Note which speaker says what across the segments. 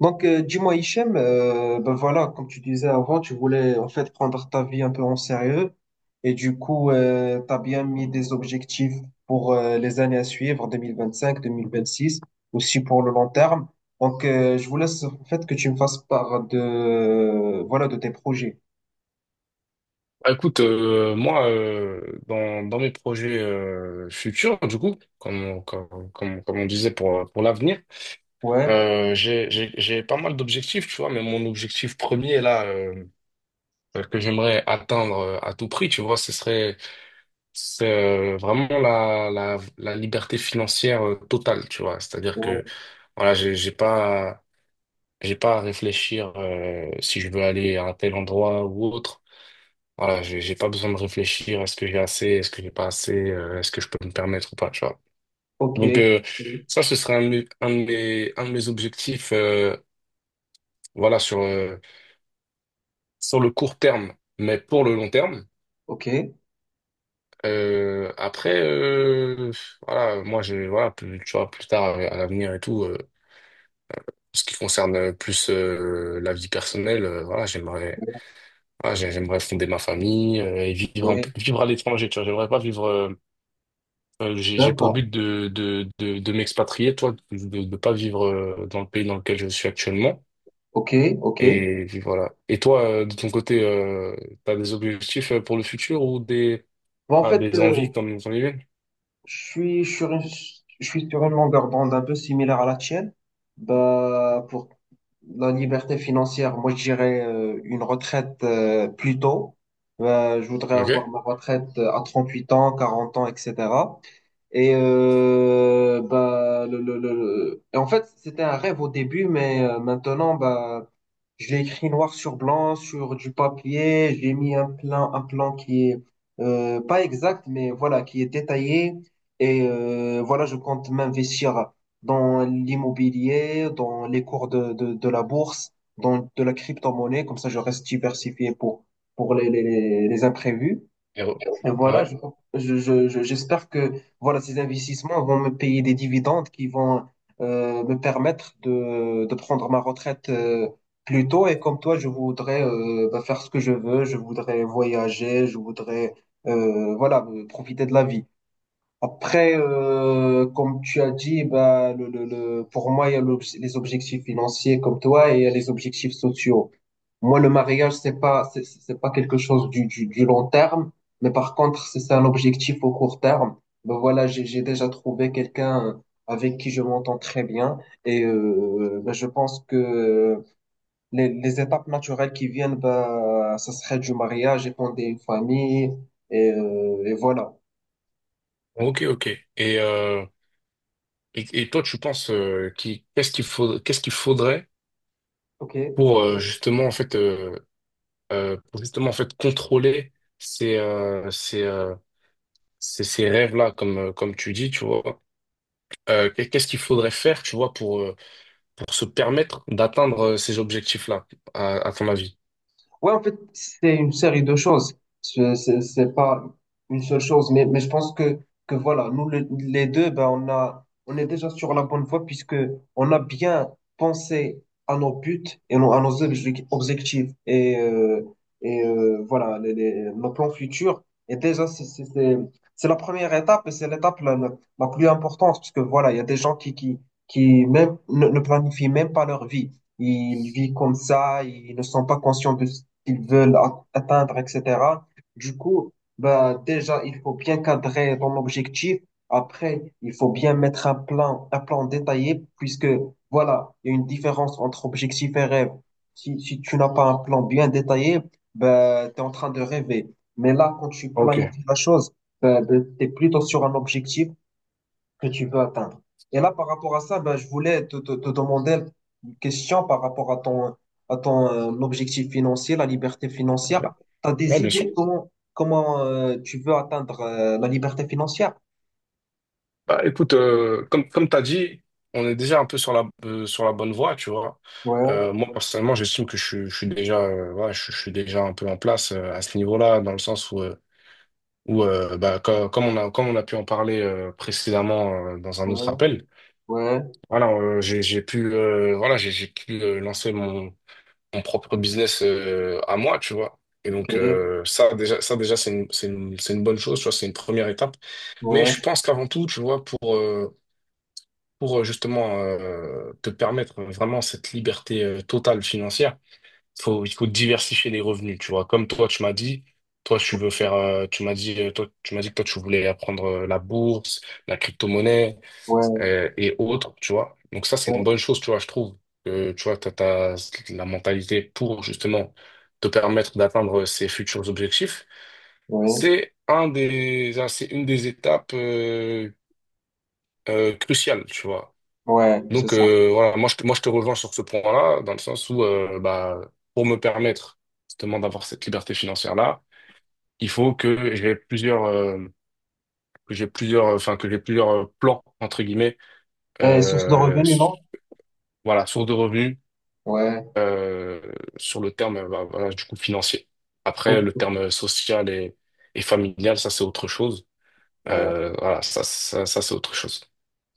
Speaker 1: Dis-moi, Hichem, ben voilà, comme tu disais avant, tu voulais en fait prendre ta vie un peu en sérieux et du coup, tu as bien mis des objectifs pour les années à suivre, 2025, 2026, aussi pour le long terme. Je voulais en fait que tu me fasses part de, voilà, de tes projets.
Speaker 2: Bah, écoute, moi, dans mes projets futurs, du coup, comme on disait pour l'avenir,
Speaker 1: Ouais,
Speaker 2: j'ai pas mal d'objectifs, tu vois, mais mon objectif premier, là, que j'aimerais atteindre à tout prix, tu vois, c'est, vraiment la liberté financière totale, tu vois. C'est-à-dire
Speaker 1: ouais,
Speaker 2: que, voilà, j'ai pas à réfléchir si je veux aller à un tel endroit ou autre. Voilà, j'ai pas besoin de réfléchir à ce que j'ai assez, est-ce que j'ai pas assez, est-ce que je peux me permettre ou pas, tu vois.
Speaker 1: ok,
Speaker 2: Donc
Speaker 1: ok,
Speaker 2: ça, ce serait un de mes objectifs, voilà, sur sur le court terme, mais pour le long terme.
Speaker 1: ok,
Speaker 2: Euh, après, euh, voilà, moi, je, voilà, plus, tu vois, plus tard à l'avenir et tout, ce qui concerne plus la vie personnelle, voilà, j'aimerais, voilà, j'aimerais fonder ma famille et vivre à l'étranger, tu vois. J'aimerais pas vivre j'ai pour
Speaker 1: d'accord,
Speaker 2: but de m'expatrier, toi, de ne pas vivre dans le pays dans lequel je suis actuellement.
Speaker 1: ok, ok.
Speaker 2: Et puis voilà. Et toi, de ton côté, tu as des objectifs pour le futur ou des,
Speaker 1: Bon, en
Speaker 2: ah,
Speaker 1: fait,
Speaker 2: des envies comme on y vient?
Speaker 1: Je suis sur une, je suis sur une longueur d'onde un peu similaire à la tienne. Bah, pour la liberté financière, moi, je dirais une retraite plus tôt. Je voudrais avoir
Speaker 2: Ok.
Speaker 1: ma retraite à 38 ans, 40 ans, etc. Et, bah, et en fait, c'était un rêve au début, mais maintenant, bah, je l'ai écrit noir sur blanc, sur du papier. J'ai mis un plan qui est pas exact, mais voilà, qui est détaillé. Et voilà, je compte m'investir dans l'immobilier, dans les cours de la bourse, dans de la crypto-monnaie. Comme ça, je reste diversifié pour les les imprévus.
Speaker 2: Et re-
Speaker 1: Et voilà,
Speaker 2: Ouais.
Speaker 1: j'espère que voilà, ces investissements vont me payer des dividendes qui vont me permettre de prendre ma retraite plus tôt. Et comme toi, je voudrais bah, faire ce que je veux. Je voudrais voyager. Je voudrais voilà, profiter de la vie. Après, comme tu as dit, bah, pour moi, il y a les objectifs financiers comme toi et il y a les objectifs sociaux. Moi, le mariage, c'est pas quelque chose du long terme, mais par contre, c'est un objectif au court terme. Ben voilà, j'ai déjà trouvé quelqu'un avec qui je m'entends très bien et ben, je pense que les étapes naturelles qui viennent, bah, ça serait du mariage, et fonder une famille et voilà.
Speaker 2: Ok, ok. Et, et toi, tu penses qui, qu'est-ce qu'il faut, qu'est-ce qu'il faudrait
Speaker 1: Ok.
Speaker 2: pour pour justement en fait contrôler ces, euh, ces, euh, ces rêves-là, comme, comme tu dis, tu vois. Qu'est-ce qu'il faudrait faire, tu vois, pour se permettre d'atteindre ces objectifs-là, à ton avis?
Speaker 1: Ouais, en fait, c'est une série de choses. C'est pas une seule chose, mais je pense que voilà, les deux, ben, on est déjà sur la bonne voie puisque on a bien pensé à nos buts et à nos objectifs et voilà, nos plans futurs. Et déjà, c'est la première étape et c'est l'étape la plus importante puisque voilà, il y a des gens qui même, ne planifient même pas leur vie. Ils vivent comme ça, ils ne sont pas conscients de, qu'ils veulent atteindre, etc. Du coup, bah, déjà, il faut bien cadrer ton objectif. Après, il faut bien mettre un plan détaillé, puisque voilà, il y a une différence entre objectif et rêve. Si tu n'as pas un plan bien détaillé, bah, tu es en train de rêver. Mais là, quand tu
Speaker 2: Ok.
Speaker 1: planifies la chose, bah, tu es plutôt sur un objectif, que tu veux atteindre. Et là, par rapport à ça, ben, je voulais te demander une question par rapport à ton objectif financier, la liberté financière.
Speaker 2: Ouais,
Speaker 1: Tu as
Speaker 2: ouais,
Speaker 1: des
Speaker 2: bien sûr.
Speaker 1: idées comment, comment tu veux atteindre la liberté financière?
Speaker 2: Bah, écoute, comme tu as dit, on est déjà un peu sur sur la bonne voie, tu vois.
Speaker 1: Ouais,
Speaker 2: Moi, personnellement, j'estime que je suis déjà, ouais, je suis déjà un peu en place à ce niveau-là, dans le sens où, bah, comme on a pu en parler précédemment dans un autre
Speaker 1: ouais,
Speaker 2: appel,
Speaker 1: ouais,
Speaker 2: voilà, j'ai pu, voilà, j'ai pu lancer mon, mon propre business à moi, tu vois. Et
Speaker 1: ok,
Speaker 2: donc, ça, déjà, c'est c'est une bonne chose, tu vois, c'est une première étape. Mais je
Speaker 1: ouais,
Speaker 2: pense qu'avant tout, tu vois, pour justement te permettre vraiment cette liberté totale financière, il faut diversifier les revenus, tu vois. Comme toi, tu m'as dit, toi, tu veux faire, tu m'as dit, toi, tu m'as dit que toi, tu voulais apprendre la bourse, la crypto-monnaie
Speaker 1: ouais,
Speaker 2: et autres, tu vois. Donc ça, c'est une
Speaker 1: ouais,
Speaker 2: bonne chose, tu vois, je trouve. Que tu vois, t'as la mentalité pour justement te permettre d'atteindre ces futurs objectifs.
Speaker 1: ouais,
Speaker 2: C'est une des étapes cruciales, tu vois.
Speaker 1: ouais, c'est
Speaker 2: Donc
Speaker 1: ça.
Speaker 2: voilà, moi je te rejoins sur ce point-là, dans le sens où bah, pour me permettre justement d'avoir cette liberté financière-là, il faut que j'ai plusieurs, enfin que j'ai plusieurs plans entre guillemets,
Speaker 1: Source de
Speaker 2: euh,
Speaker 1: revenus,
Speaker 2: s-
Speaker 1: non?
Speaker 2: voilà, sources de revenus
Speaker 1: Ouais,
Speaker 2: euh, sur le terme, bah, voilà, du coup, financier. Après, le
Speaker 1: ok,
Speaker 2: terme social et familial, ça, c'est autre chose.
Speaker 1: ouais.
Speaker 2: Ça, c'est autre chose.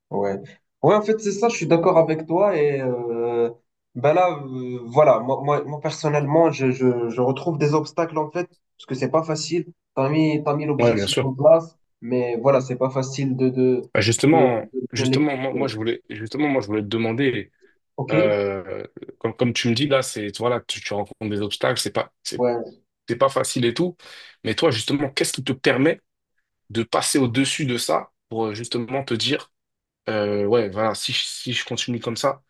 Speaker 1: Ouais. Ouais, en fait, c'est ça, je suis d'accord avec toi. Et ben là, voilà, personnellement, je retrouve des obstacles, en fait, parce que c'est pas facile. T'as mis
Speaker 2: Ouais, bien
Speaker 1: l'objectif
Speaker 2: sûr.
Speaker 1: en place, mais voilà, c'est pas facile
Speaker 2: Bah,
Speaker 1: de bien
Speaker 2: justement,
Speaker 1: l'exécuter.
Speaker 2: moi, je voulais te demander,
Speaker 1: OK?
Speaker 2: euh, comme tu me dis là, c'est, voilà, tu rencontres des obstacles,
Speaker 1: Ouais.
Speaker 2: c'est pas facile et tout. Mais toi, justement, qu'est-ce qui te permet de passer au-dessus de ça pour justement te dire, ouais, voilà, si je continue comme ça,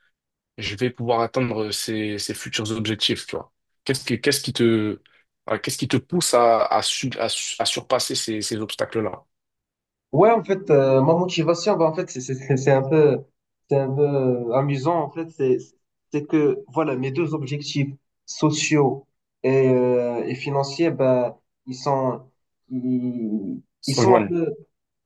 Speaker 2: je vais pouvoir atteindre ces, ces futurs objectifs, tu vois. Qu'est-ce qui te, voilà, qu'est-ce qui te pousse à surpasser ces, ces obstacles-là?
Speaker 1: Ouais, en fait, ma motivation, bah, en fait, c'est un peu amusant, en fait, c'est que, voilà, mes deux objectifs sociaux et financiers, bah, ils sont, ils
Speaker 2: Se
Speaker 1: sont un
Speaker 2: rejoignent.
Speaker 1: peu,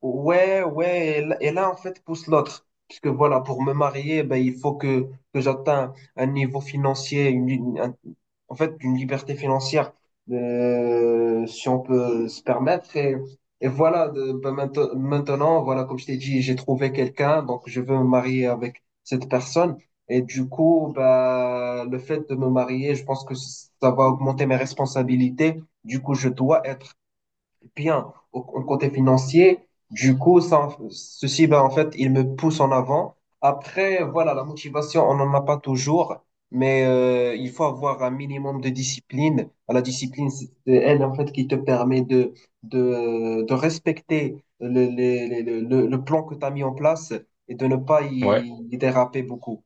Speaker 1: Ouais, ouais, et là, en fait, pousse l'autre. Parce que voilà, pour me marier, ben, que j'atteigne un niveau financier, en fait, une liberté financière, si on peut se permettre. Et voilà, ben, maintenant, voilà, comme je t'ai dit, j'ai trouvé quelqu'un, donc je veux me marier avec cette personne. Et du coup, ben, le fait de me marier, je pense que ça va augmenter mes responsabilités. Du coup, je dois être bien au côté financier. Du coup, ceci, ben, en fait, il me pousse en avant. Après, voilà, la motivation, on n'en a pas toujours, mais il faut avoir un minimum de discipline. La discipline, c'est elle, en fait, qui te permet de respecter le, les- le plan que tu as mis en place et de ne pas
Speaker 2: Ouais.
Speaker 1: y déraper beaucoup.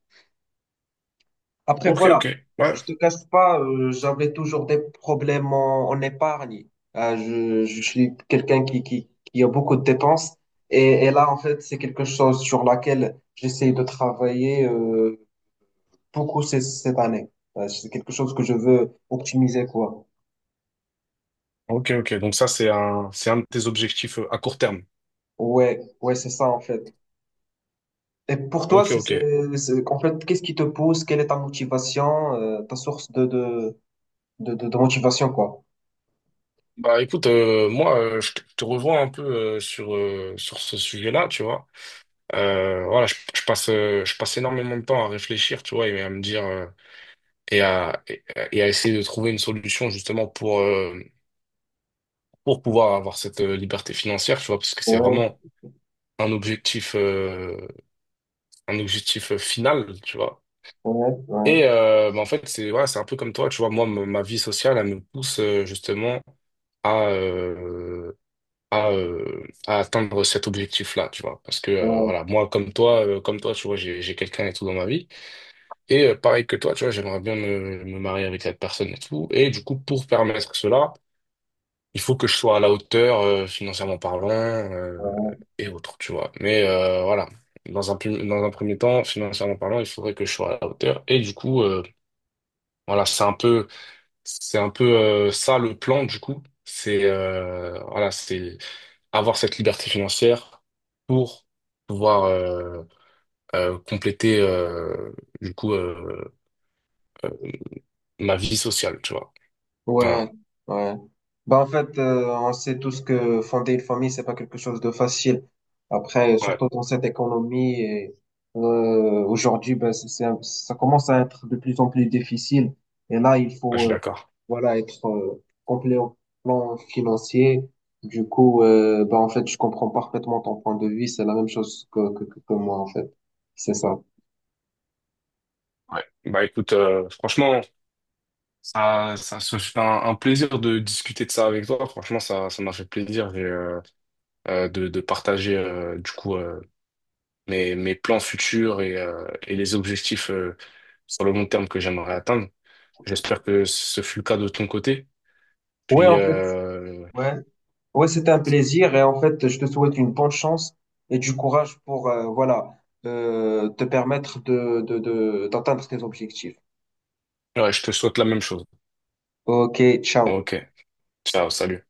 Speaker 1: Après,
Speaker 2: Ok,
Speaker 1: voilà,
Speaker 2: ok. Ouais.
Speaker 1: je te cache pas, j'avais toujours des problèmes en, en épargne. Je suis quelqu'un qui a beaucoup de dépenses. Et là, en fait, c'est quelque chose sur laquelle j'essaie de travailler beaucoup cette année. C'est quelque chose que je veux optimiser, quoi.
Speaker 2: Ok, ok. Donc ça, c'est c'est un de tes objectifs à court terme.
Speaker 1: Ouais, ouais, c'est ça, en fait. Et pour toi,
Speaker 2: Ok, ok.
Speaker 1: en fait, qu'est-ce qui te pousse? Quelle est ta motivation, ta source de de motivation, quoi?
Speaker 2: Bah écoute, moi, je te revois un peu sur ce sujet-là, tu vois. Voilà, je passe énormément de temps à réfléchir, tu vois, et à me dire, et à, et et à essayer de trouver une solution justement pour pouvoir avoir cette liberté financière, tu vois, parce que c'est
Speaker 1: Ouais,
Speaker 2: vraiment un objectif, final, tu vois.
Speaker 1: ouais, ouais,
Speaker 2: Et bah, en fait, c'est voilà, c'est un peu comme toi, tu vois, moi, ma vie sociale, elle me pousse justement à, euh, à atteindre cet objectif-là, tu vois. Parce que
Speaker 1: ouais,
Speaker 2: voilà, moi, comme toi, tu vois, j'ai quelqu'un et tout dans ma vie. Et pareil que toi, tu vois, j'aimerais bien me marier avec cette personne et tout. Et du coup, pour permettre cela, il faut que je sois à la hauteur, financièrement parlant,
Speaker 1: ouais.
Speaker 2: et autres, tu vois. Mais voilà, dans un premier temps, financièrement parlant, il faudrait que je sois à la hauteur. Et du coup, voilà, c'est un peu ça le plan, du coup. C'est voilà, c'est avoir cette liberté financière pour pouvoir compléter du coup euh, euh, ma vie sociale, tu vois.
Speaker 1: Ouais,
Speaker 2: Voilà.
Speaker 1: ouais. Bah, en fait, on sait tous que fonder une famille, c'est pas quelque chose de facile. Après,
Speaker 2: Ouais,
Speaker 1: surtout dans cette économie, et, aujourd'hui, ben, ça commence à être de plus en plus difficile. Et là, il
Speaker 2: je suis
Speaker 1: faut,
Speaker 2: d'accord.
Speaker 1: voilà, être complet au plan financier. Du coup, bah, en fait, je comprends parfaitement ton point de vue. C'est la même chose que que moi, en fait. C'est ça.
Speaker 2: Ouais. Bah écoute, franchement. Ça se fait un plaisir de discuter de ça avec toi. Franchement, ça m'a fait plaisir et, de partager mes, mes plans futurs et les objectifs sur le long terme que j'aimerais atteindre. J'espère que ce fut le cas de ton côté.
Speaker 1: Ouais,
Speaker 2: Puis,
Speaker 1: en fait, ouais. Ouais, c'était un plaisir et en fait, je te souhaite une bonne chance et du courage pour te permettre d'atteindre tes objectifs.
Speaker 2: ouais, je te souhaite la même chose.
Speaker 1: Ok, ciao.
Speaker 2: Ok. Ciao, salut.